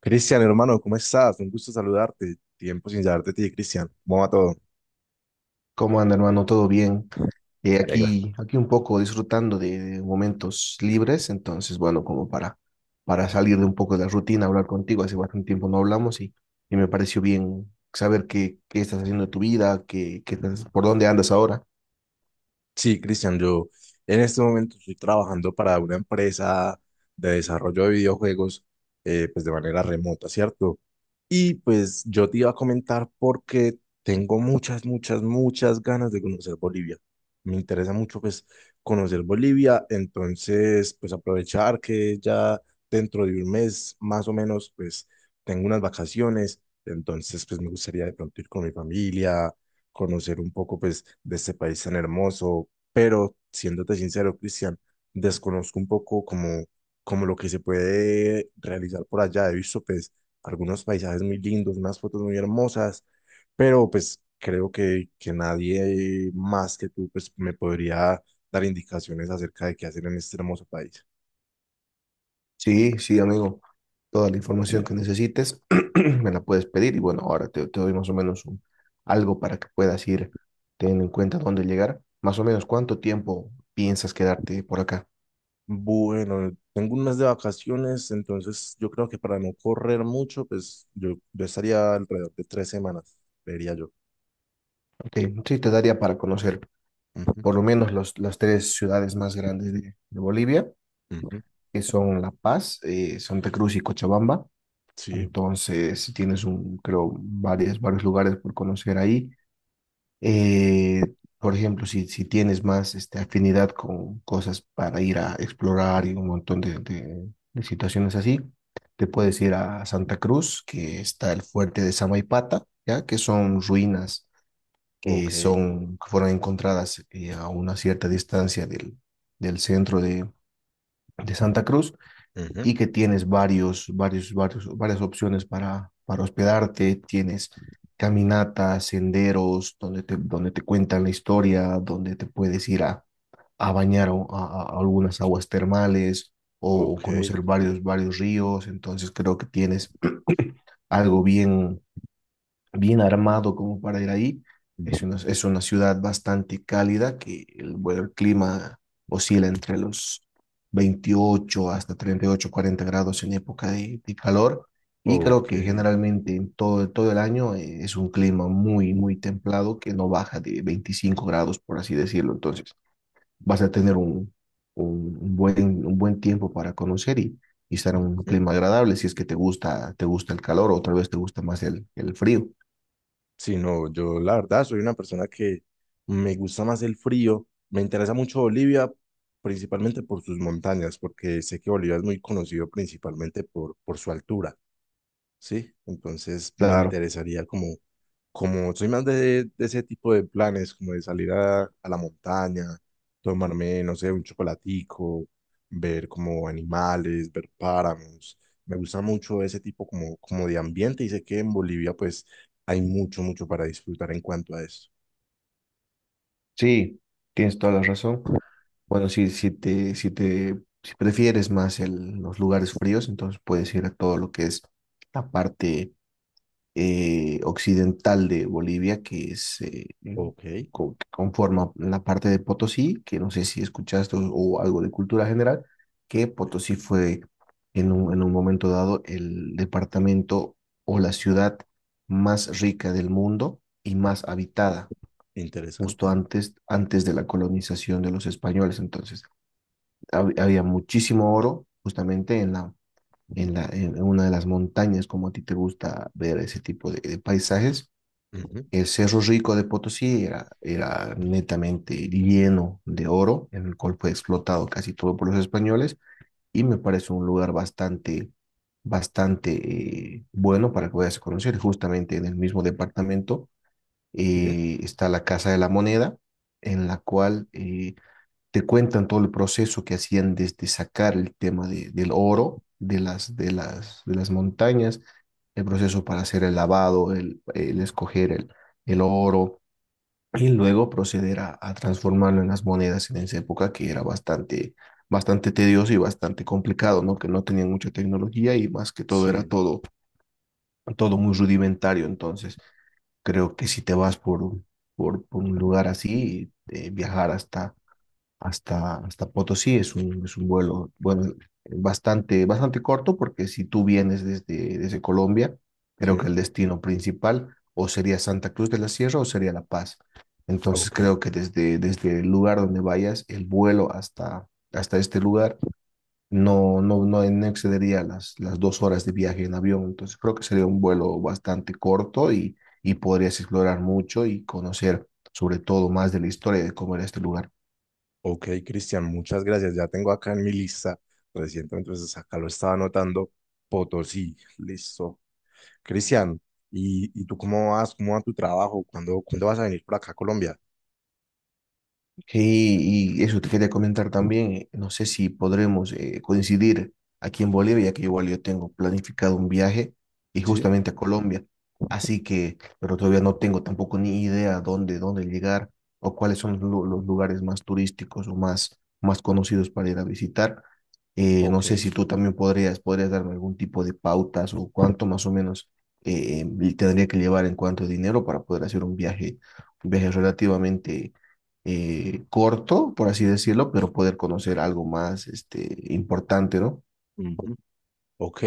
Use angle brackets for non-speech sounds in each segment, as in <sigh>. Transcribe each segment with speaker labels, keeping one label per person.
Speaker 1: Cristian, hermano, ¿cómo estás? Un gusto saludarte. Tiempo sin saber de ti, Cristian. ¿Cómo va todo?
Speaker 2: ¿Cómo anda, hermano? ¿Todo bien? Aquí un poco disfrutando de momentos libres, entonces, bueno, como para salir de un poco de la rutina, hablar contigo, hace bastante tiempo no hablamos y me pareció bien saber qué estás haciendo de tu vida, por dónde andas ahora.
Speaker 1: Sí, Cristian, yo en este momento estoy trabajando para una empresa de desarrollo de videojuegos, pues de manera remota, ¿cierto? Y pues yo te iba a comentar porque tengo muchas ganas de conocer Bolivia. Me interesa mucho pues conocer Bolivia, entonces pues aprovechar que ya dentro de un mes más o menos pues tengo unas vacaciones, entonces pues me gustaría de pronto ir con mi familia, conocer un poco pues de este país tan hermoso, pero siéndote sincero, Cristian, desconozco un poco como, como lo que se puede realizar por allá. He visto pues algunos paisajes muy lindos, unas fotos muy hermosas, pero pues creo que nadie más que tú pues me podría dar indicaciones acerca de qué hacer en este hermoso país.
Speaker 2: Sí, sí, amigo, toda la información que necesites <clears throat> me la puedes pedir y bueno, ahora te doy más o menos algo para que puedas ir teniendo en cuenta dónde llegar. Más o menos, ¿cuánto tiempo piensas quedarte por acá?
Speaker 1: Bueno, tengo un mes de vacaciones, entonces yo creo que para no correr mucho, pues yo estaría alrededor de tres semanas, vería yo.
Speaker 2: Ok, sí, te daría para conocer
Speaker 1: Ujú,
Speaker 2: por lo menos las tres ciudades más grandes de Bolivia,
Speaker 1: ujú.
Speaker 2: que son La Paz, Santa Cruz y Cochabamba.
Speaker 1: Sí,
Speaker 2: Entonces, si tienes un, creo, varias, varios lugares por conocer ahí. Eh, por ejemplo, si tienes más este, afinidad con cosas para ir a explorar y un montón de situaciones así, te puedes ir a Santa Cruz, que está el fuerte de Samaipata, ¿ya? Que son ruinas
Speaker 1: ok,
Speaker 2: que fueron encontradas a una cierta distancia del, del centro de Santa Cruz
Speaker 1: ujú,
Speaker 2: y que tienes varias opciones para hospedarte, tienes caminatas, senderos, donde te cuentan la historia, donde te puedes ir a bañar o a algunas aguas termales o
Speaker 1: ok,
Speaker 2: conocer varios ríos, entonces creo que tienes algo bien bien armado como para ir ahí.
Speaker 1: ujú,
Speaker 2: Es una ciudad bastante cálida que el, bueno, el clima oscila entre los 28 hasta 38, 40 grados en época de calor. Y creo
Speaker 1: ok.
Speaker 2: que generalmente en todo, todo el año es un clima muy, muy templado que no baja de 25 grados, por así decirlo. Entonces vas a tener un buen tiempo para conocer y estar en un
Speaker 1: Ujú.
Speaker 2: clima agradable si es que te gusta el calor o tal vez te gusta más el frío.
Speaker 1: Sí, no, yo la verdad soy una persona que me gusta más el frío. Me interesa mucho Bolivia, principalmente por sus montañas, porque sé que Bolivia es muy conocido principalmente por su altura. Sí, entonces me
Speaker 2: Claro,
Speaker 1: interesaría como, como soy más de ese tipo de planes, como de salir a la montaña, tomarme, no sé, un chocolatico, ver como animales, ver páramos. Me gusta mucho ese tipo como, como de ambiente y sé que en Bolivia pues hay mucho para disfrutar en cuanto a eso.
Speaker 2: sí, tienes toda la razón. Bueno, si prefieres más los lugares fríos, entonces puedes ir a todo lo que es la parte occidental de Bolivia, que es
Speaker 1: Ok,
Speaker 2: que conforma la parte de Potosí, que no sé si escuchaste o algo de cultura general, que Potosí fue en un momento dado el departamento o la ciudad más rica del mundo y más habitada. Justo
Speaker 1: interesante.
Speaker 2: antes, antes de la colonización de los españoles. Entonces, había muchísimo oro justamente en en una de las montañas, como a ti te gusta ver ese tipo de paisajes.
Speaker 1: Ujú.
Speaker 2: El Cerro Rico de Potosí era, era netamente lleno de oro, en el cual fue explotado casi todo por los españoles y me parece un lugar bastante, bastante bueno para que vayas a conocer, justamente en el mismo departamento
Speaker 1: Sí,
Speaker 2: está la Casa de la Moneda, en la cual te cuentan todo el proceso que hacían desde sacar el tema del oro de de las montañas, el proceso para hacer el lavado, el escoger el oro y luego proceder a transformarlo en las monedas en esa época que era bastante, bastante tedioso y bastante complicado, ¿no? Que no tenían mucha tecnología y más que todo era
Speaker 1: sí,
Speaker 2: todo, todo muy rudimentario entonces. Creo que si te vas por un lugar así, viajar hasta Potosí es un vuelo, bueno, bastante, bastante corto, porque si tú vienes desde, desde Colombia, creo que
Speaker 1: sí,
Speaker 2: el destino principal o sería Santa Cruz de la Sierra o sería La Paz. Entonces
Speaker 1: ok.
Speaker 2: creo que desde, desde el lugar donde vayas, el vuelo hasta este lugar no excedería las dos horas de viaje en avión, entonces creo que sería un vuelo bastante corto y podrías explorar mucho y conocer sobre todo más de la historia de cómo era este lugar.
Speaker 1: Ok, Cristian, muchas gracias. Ya tengo acá en mi lista reciente, entonces acá lo estaba anotando. Potosí, listo. Cristian, ¿y tú cómo vas? ¿Cómo va tu trabajo? ¿Cuándo vas a venir por acá a Colombia?
Speaker 2: Sí, y eso te quería comentar también. No sé si podremos coincidir aquí en Bolivia, ya que igual yo tengo planificado un viaje y
Speaker 1: Sí,
Speaker 2: justamente a Colombia. Así que, pero todavía no tengo tampoco ni idea dónde, dónde llegar o cuáles son los lugares más turísticos o más, más conocidos para ir a visitar. No
Speaker 1: ok.
Speaker 2: sé si tú también podrías, podrías darme algún tipo de pautas o cuánto más o menos tendría que llevar en cuanto a dinero para poder hacer un viaje relativamente corto, por así decirlo, pero poder conocer algo más este, importante, ¿no?
Speaker 1: Ujú. Ok,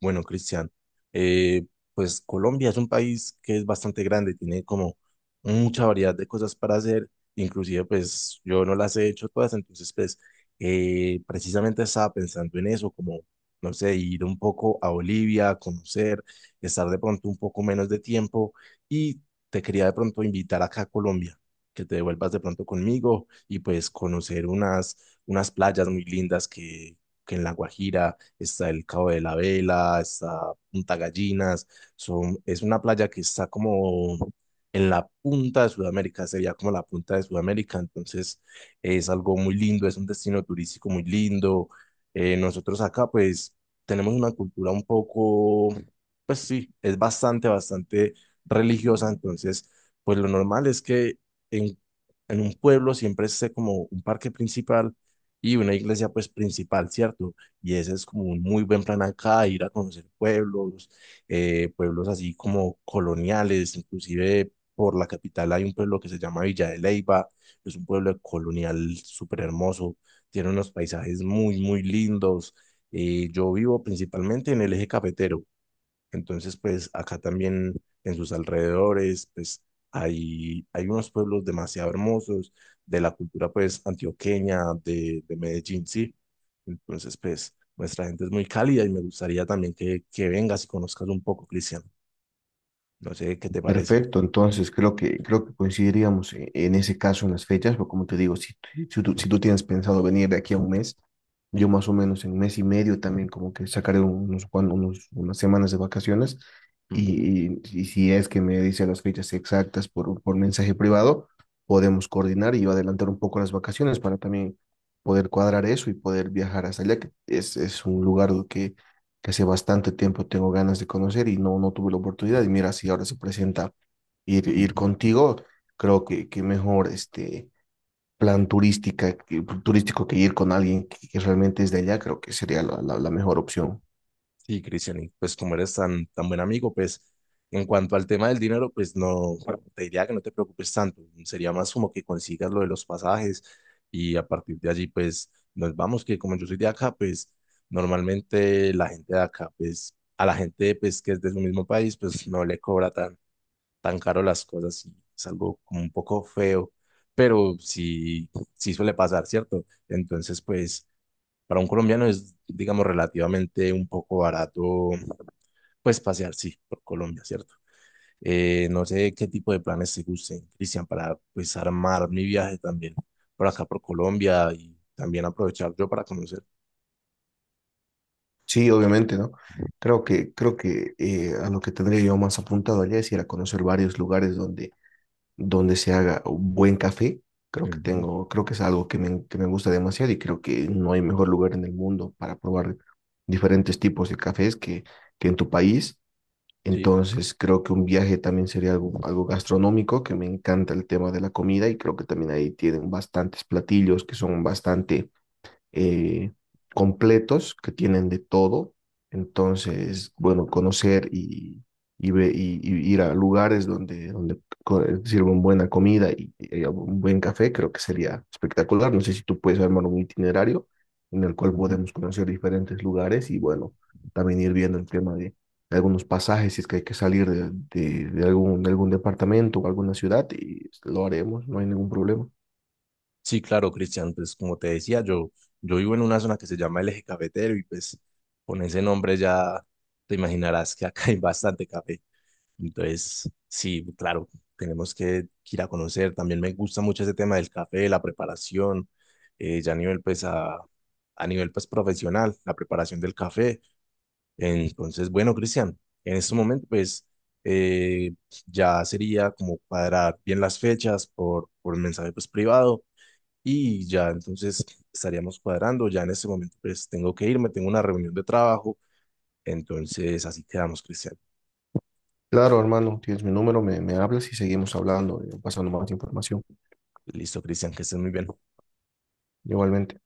Speaker 1: bueno, Cristian, eh, pues Colombia es un país que es bastante grande, tiene como mucha variedad de cosas para hacer, inclusive pues yo no las he hecho todas, entonces pues precisamente estaba pensando en eso, como, no sé, ir un poco a Bolivia, conocer, estar de pronto un poco menos de tiempo y te quería de pronto invitar acá a Colombia, que te devuelvas de pronto conmigo y pues conocer unas, unas playas muy lindas que en La Guajira está el Cabo de la Vela, está Punta Gallinas, son, es una playa que está como en la punta de Sudamérica, sería como la punta de Sudamérica, entonces es algo muy lindo, es un destino turístico muy lindo. Nosotros acá pues tenemos una cultura un poco, pues sí, es bastante religiosa, entonces pues lo normal es que en, en un pueblo siempre esté como un parque principal y una iglesia pues principal, ¿cierto? Y ese es como un muy buen plan acá, ir a conocer pueblos, pueblos así como coloniales, inclusive por la capital hay un pueblo que se llama Villa de Leyva, es un pueblo colonial súper hermoso, tiene unos paisajes muy lindos. Yo vivo principalmente en el eje cafetero, entonces, pues acá también en sus alrededores, pues hay unos pueblos demasiado hermosos de la cultura, pues, antioqueña, de Medellín, sí. Entonces, pues, nuestra gente es muy cálida y me gustaría también que vengas y conozcas un poco, Cristian. No sé qué te parece.
Speaker 2: Perfecto, entonces creo que coincidiríamos en ese caso en las fechas, pero como te digo, si tú tienes pensado venir de aquí a un mes, yo
Speaker 1: Sí.
Speaker 2: más o menos en mes y medio también como que sacaré unos, cuan- unos unas semanas de vacaciones
Speaker 1: Ujú,
Speaker 2: y si es que me dice las fechas exactas por mensaje privado, podemos coordinar y yo adelantar un poco las vacaciones para también poder cuadrar eso y poder viajar hasta allá, que es un lugar que hace bastante tiempo tengo ganas de conocer y no, no tuve la oportunidad. Y mira, si ahora se presenta ir
Speaker 1: ujú.
Speaker 2: contigo, creo que mejor este turístico que ir con alguien que realmente es de allá, creo que sería la mejor opción.
Speaker 1: Sí, Cristian, y pues como eres tan buen amigo, pues en cuanto al tema del dinero, pues no, bueno, te diría que no te preocupes tanto. Sería más como que consigas lo de los pasajes y a partir de allí, pues nos vamos, que como yo soy de acá, pues normalmente la gente de acá, pues a la gente pues que es de su mismo país, pues no le cobra tan caro las cosas y es algo como un poco feo, pero sí, sí suele pasar, ¿cierto? Entonces, pues para un colombiano es, digamos, relativamente un poco barato pues pasear, sí, por Colombia, ¿cierto? No sé qué tipo de planes te gusten, Cristian, para pues armar mi viaje también por acá, por Colombia y también aprovechar yo para conocer.
Speaker 2: Sí, obviamente, ¿no? Creo que a lo que tendría yo más apuntado allá es ir a conocer varios lugares donde se haga un buen café.
Speaker 1: Ujú,
Speaker 2: Creo que es algo que que me gusta demasiado y creo que no hay mejor lugar en el mundo para probar diferentes tipos de cafés que en tu país.
Speaker 1: sí,
Speaker 2: Entonces, creo que un viaje también sería algo, algo gastronómico, que me encanta el tema de la comida y creo que también ahí tienen bastantes platillos que son bastante eh, completos que tienen de todo. Entonces, bueno, conocer y ir a lugares donde, sirven buena comida y un buen café, creo que sería espectacular. No sé si tú puedes armar un itinerario en el cual
Speaker 1: ujú.
Speaker 2: podemos conocer diferentes lugares y bueno, también ir viendo el tema de algunos pasajes, si es que hay que salir de algún departamento o alguna ciudad, y lo haremos, no hay ningún problema.
Speaker 1: Sí, claro, Cristian, pues como te decía, yo vivo en una zona que se llama el Eje Cafetero y pues con ese nombre ya te imaginarás que acá <laughs> hay bastante café. Entonces, sí, claro, tenemos que ir a conocer. También me gusta mucho ese tema del café, la preparación, ya a nivel, pues, profesional, la preparación del café. Entonces, bueno, Cristian, en este momento, pues, eh, ya sería como cuadrar bien las fechas por el mensaje, pues, privado y ya entonces estaríamos cuadrando. Ya en este momento, pues, tengo que irme, tengo una reunión de trabajo. Entonces, así quedamos, Cristian.
Speaker 2: Claro, hermano, tienes mi número, me hablas y seguimos hablando, pasando más información.
Speaker 1: Listo, Cristian, que estés muy bien.
Speaker 2: Igualmente.